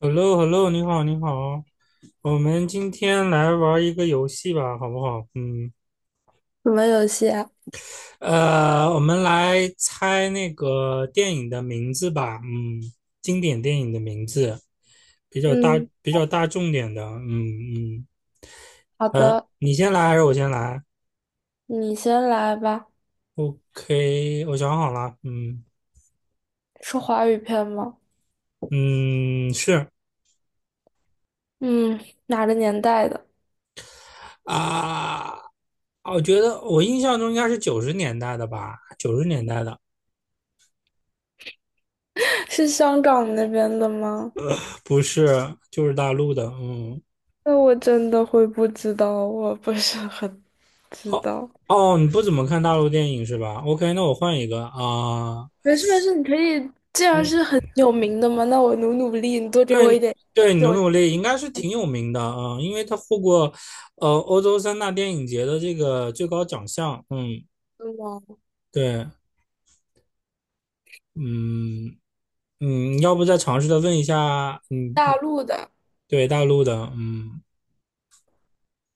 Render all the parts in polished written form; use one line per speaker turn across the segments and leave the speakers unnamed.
h e l l o h e l l o 你好，你好，我们今天来玩一个游戏吧，好不好？嗯，
什么游戏啊？
我们来猜那个电影的名字吧，嗯，经典电影的名字，比较大，
嗯，
比较大众点的，嗯嗯，
好的，
你先来还是我先来
你先来吧。
？OK，我想好了，嗯
是华语片吗？
嗯，是
嗯，哪个年代的？
啊，我觉得我印象中应该是九十年代的吧，九十年代的。
是香港那边的吗？
不是，就是大陆的，嗯。
那我真的会不知道，我不是很知
哦
道。
哦，你不怎么看大陆电影是吧？OK，那我换一个啊、
没事没事，你可以，既然
嗯，
是很有名的嘛，那我努努力，你多给我一
对
点。
对，
是
努
我
努力应该是挺有名的啊、因为他获过欧洲三大电影节的这个最高奖项。嗯，
吗？
对，嗯嗯，要不再尝试的问一下，嗯，
大陆的。
对大陆的，嗯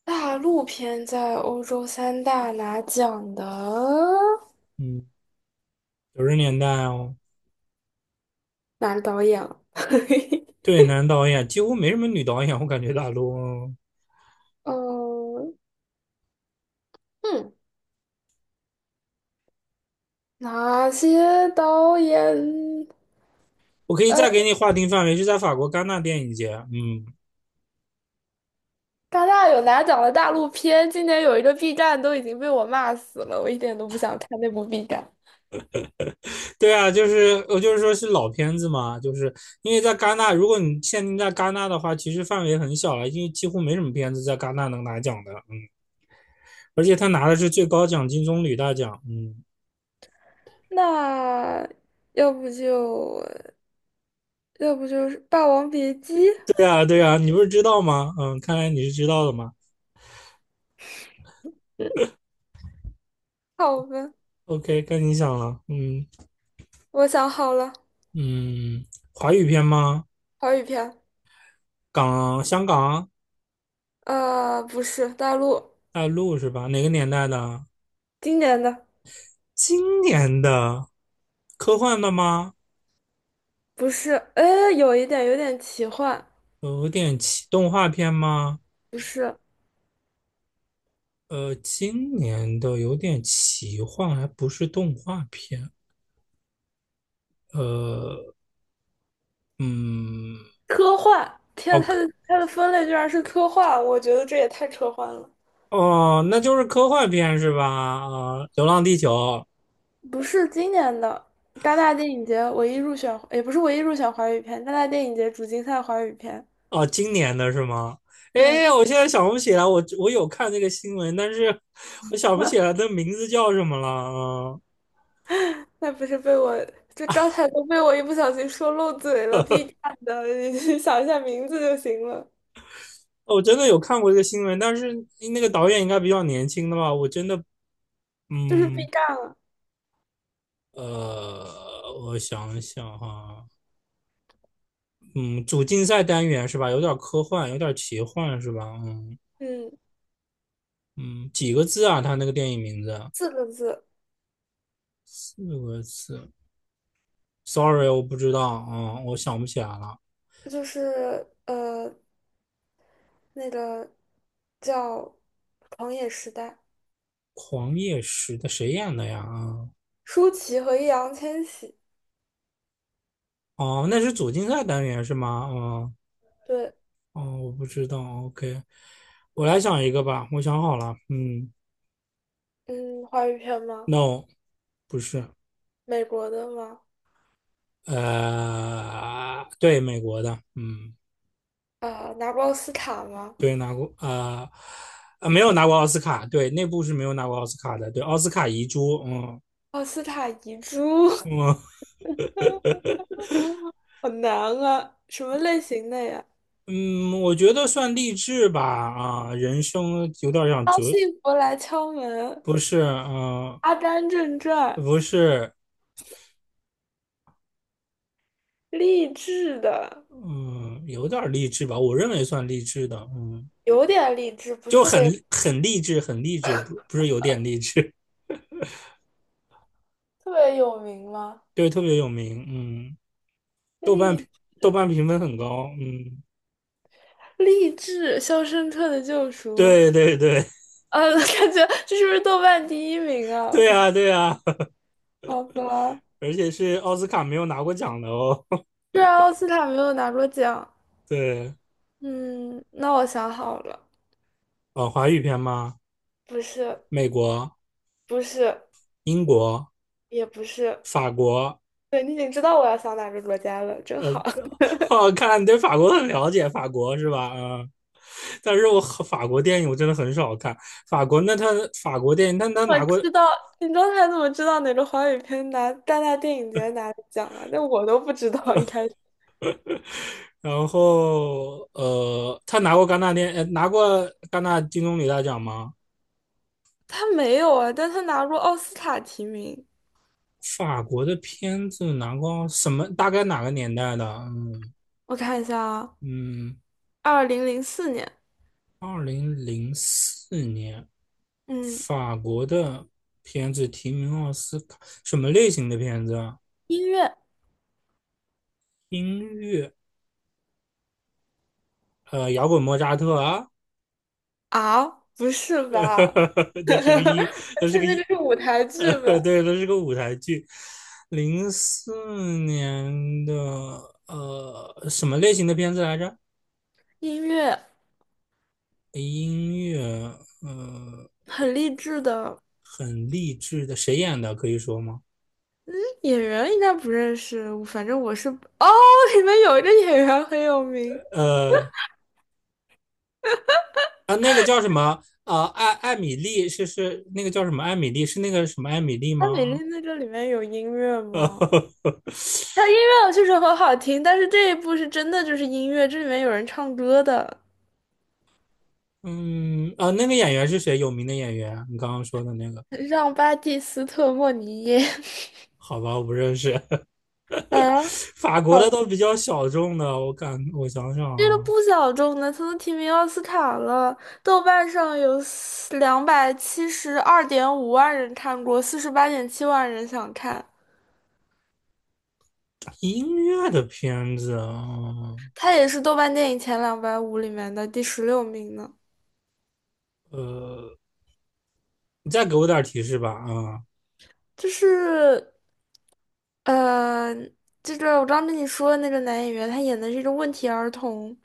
大陆片在欧洲三大拿奖的
嗯，九十年代哦。
哪个导演啊？
对，男导演几乎没什么女导演，我感觉大陆，哦，
嗯。嗯哪些导演？
我可以
呃，
再给你划定范围，是在法国戛纳电影节。嗯。
大纳有拿奖的大陆片，今年有一个 B 站都已经被我骂死了，我一点都不想看那部 B 站。
对啊，就是我就是说是老片子嘛，就是因为在戛纳，如果你限定在戛纳的话，其实范围很小了，因为几乎没什么片子在戛纳能拿奖的，嗯，而且他拿的是最高奖金棕榈大奖。嗯，
那要不就要不就是《霸王别姬》，
对啊，对啊，你不是知道吗？嗯，看来你是知道的嘛。
好吧，
OK，该你讲了。嗯
我想好了，
嗯，华语片吗？
华语片，
香港、
不是大陆
大陆是吧？哪个年代的？
今年的，
今年的，科幻的吗？
不是，哎，有点奇幻，
有点动画片吗？
不是
今年的有点奇幻，还不是动画片。呃，嗯，
科幻，天，
哦
它的分类居然是科幻，我觉得这也太科幻了。
哦，那就是科幻片是吧？啊、流浪地球》
不是今年的戛纳电影节唯一入选，也不是唯一入选华语片，戛纳电影节主竞赛华语片。
哦，今年的是吗？
对，
哎，我现在想不起来，我有看那个新闻，但是我想不起来 的名字叫什么了啊、哦，
那不是被我这刚才都被我一不小心说漏嘴了，B 站的，你去想一下名字就行了，
我真的有看过这个新闻，但是那个导演应该比较年轻的吧？我真的，
就是 B
嗯，
站了，
呃，我想想哈、嗯，主竞赛单元是吧？有点科幻，有点奇幻是吧？嗯
嗯，
嗯，几个字啊？他那个电影名字
四个字，
四个字，sorry，我不知道啊、我想不起来了。
就是那个叫《狂野时代》，
狂野时的谁演的呀？啊，
舒淇和易烊千玺，
哦，那是主竞赛单元是吗？嗯，
对，
哦，我不知道。OK，我来想一个吧，我想好了。嗯
嗯，华语片吗？
，No，不是，
美国的吗？
对，美国的，嗯。
拿过奥斯卡吗？
对，拿过啊没有拿过奥斯卡。对，那部是没有拿过奥斯卡的，对，奥斯卡遗珠，嗯，
奥斯卡遗珠，
我
好难啊！什么类型的呀？
嗯，我觉得算励志吧，啊、人生有点像
当
哲。
幸福来敲门，
不是，嗯、
《阿甘正传》，
不是，
励志的，
嗯，有点励志吧，我认为算励志的，嗯，
有点励志，不是
就
特别
很励志，很励志，不是有点励志。
特别有名吗？
对，特别有名，嗯，豆瓣评
励
豆瓣评分很高，嗯，
励志，《肖申克的救赎》
对对对
感觉这是不是豆瓣第一名 啊？
对啊对啊，
好吧，
而且是奥斯卡没有拿过奖的哦。
虽然奥斯卡没有拿过奖，
对，
嗯，那我想好了，
哦，华语片吗？
不是，
美国、
不是，
英国、
也不是。
法国。
对，你已经知道我要想哪个国家了，真好。
哦，看来你对法国很了解，法国是吧？嗯，但是我和法国电影我真的很少看。法国，那他法国电影，但他
我
拿过。
知道，你刚才怎么知道哪个华语片拿戛纳电影节拿了奖了？那我都不知道一开始。
然后他拿过戛纳电，呃，拿过戛纳金棕榈大奖吗？
他没有啊，但他拿过奥斯卡提名。
法国的片子拿过什么？大概哪个年代的？嗯
我看一下啊，
嗯，
2004年，
2004年，
嗯，
法国的片子提名奥斯卡，什么类型的片子啊？
音乐
音乐，摇滚莫扎特啊。
啊，不是吧？
那 是个 音，
而
那是
且
个
那这
音，
是舞台剧吧？
呃，对，那是个舞台剧。零四年的，什么类型的片子来着？
音乐
音乐，呃，
很励志的，
很励志的，谁演的？可以说吗？
演员应该不认识，反正我是哦，里面有一个演员很有名，
呃，那个叫什么？啊，艾米丽是那个叫什么？艾米丽是那个什么艾米丽
它美丽
吗？
在这里面有音乐吗？它音乐确实很好听，但是这一部是真的就是音乐，这里面有人唱歌的，
嗯，啊，那个演员是谁？有名的演员？你刚刚说的那个？
让巴蒂斯特·莫尼耶
好吧，我不认识。
啊，
法国的
好，
都比较小众的，我想想
这个
啊，
不小众的，他都提名奥斯卡了，豆瓣上有272.5万人看过，48.7万人想看，
音乐的片子啊，
它也是豆瓣电影前两百五里面的第16名呢，
呃，你再给我点提示吧啊，
就是。呃，这个我刚跟你说的那个男演员，他演的是一个问题儿童，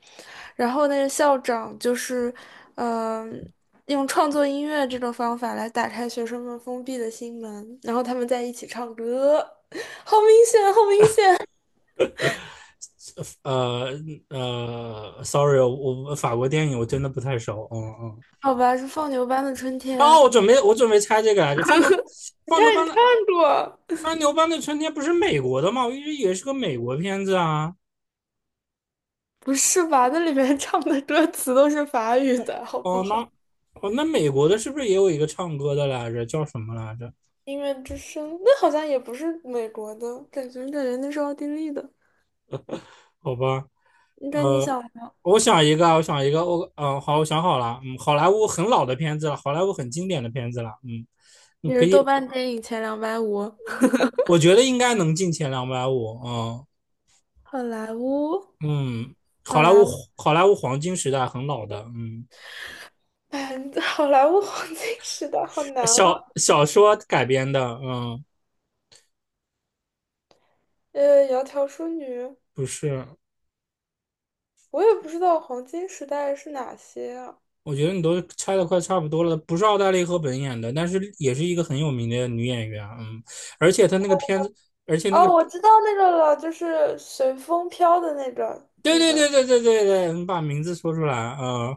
然后那个校长就是，呃，用创作音乐这种方法来打开学生们封闭的心门，然后他们在一起唱歌，好明显，好明显，
呃sorry，我法国电影我真的不太熟，嗯嗯。
好吧，是放牛班的春
然后
天，
我准备猜这个来着，放牛
你
放牛
看你
班的
看过？
三牛班的春天不是美国的吗？我一直以为是个美国片子啊。
不是吧？那里面唱的歌词都是法语的，好
哦，
不
那
好？
哦，那美国的是不是也有一个唱歌的来着？叫什么来着？
音乐之声，那好像也不是美国的，感觉那是奥地利的。
好吧，
应该你
呃，
想
我想一个啊，好，我想好了，嗯，好莱坞很老的片子了，好莱坞很经典的片子了，嗯，你
也
可
是豆
以，
瓣电影前两百五。
我觉得应该能进前250，嗯
好莱坞，
嗯，
好
好莱坞
莱坞，
好莱坞黄金时代很老的，嗯，
嗯，好莱坞黄金时代好难啊。
小说改编的，嗯，
窈窕淑女，
不是，
我也不知道黄金时代是哪些啊。
我觉得你都猜的快差不多了，不是奥黛丽·赫本演的，但是也是一个很有名的女演员，嗯，而且她那个片子，而且那个，
哦，我知道那个了，就是随风飘的那个，
对
那
对
个
对对对对对，你把名字说出来啊，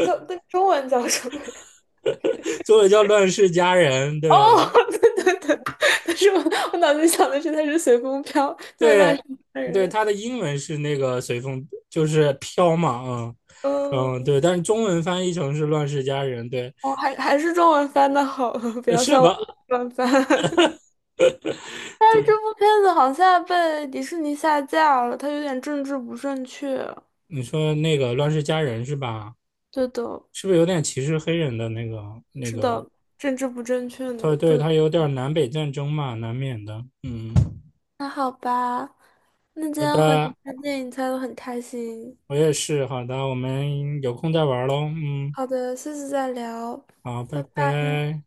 叫那中文叫什么呀
作为叫《乱世佳人》，
哦，
对
对对对，但是我脑子想的是它是随风飘，对，乱
对
世佳
对，
人。
她的英文是那个随风，就是飘嘛，啊嗯嗯，
嗯，
对，但是中文翻译成是《乱世佳人》，对，
哦，还是中文翻的好，不要
是
像我一
吧？
样乱翻。但是这
对，
部片子好像被迪士尼下架了，它有点政治不正确。
你说那个《乱世佳人》是吧？
对的，
是不是有点歧视黑人的那个那
是
个
的，政治不正确呢，
对
不
对，
能
它有点南北战争嘛，难免的。嗯，
那好吧，那今
好
天和你
的，
看电影猜的很开心。
我也是。好的，我们有空再玩喽。嗯，
好的，下次再聊。
好，拜
拜拜。
拜。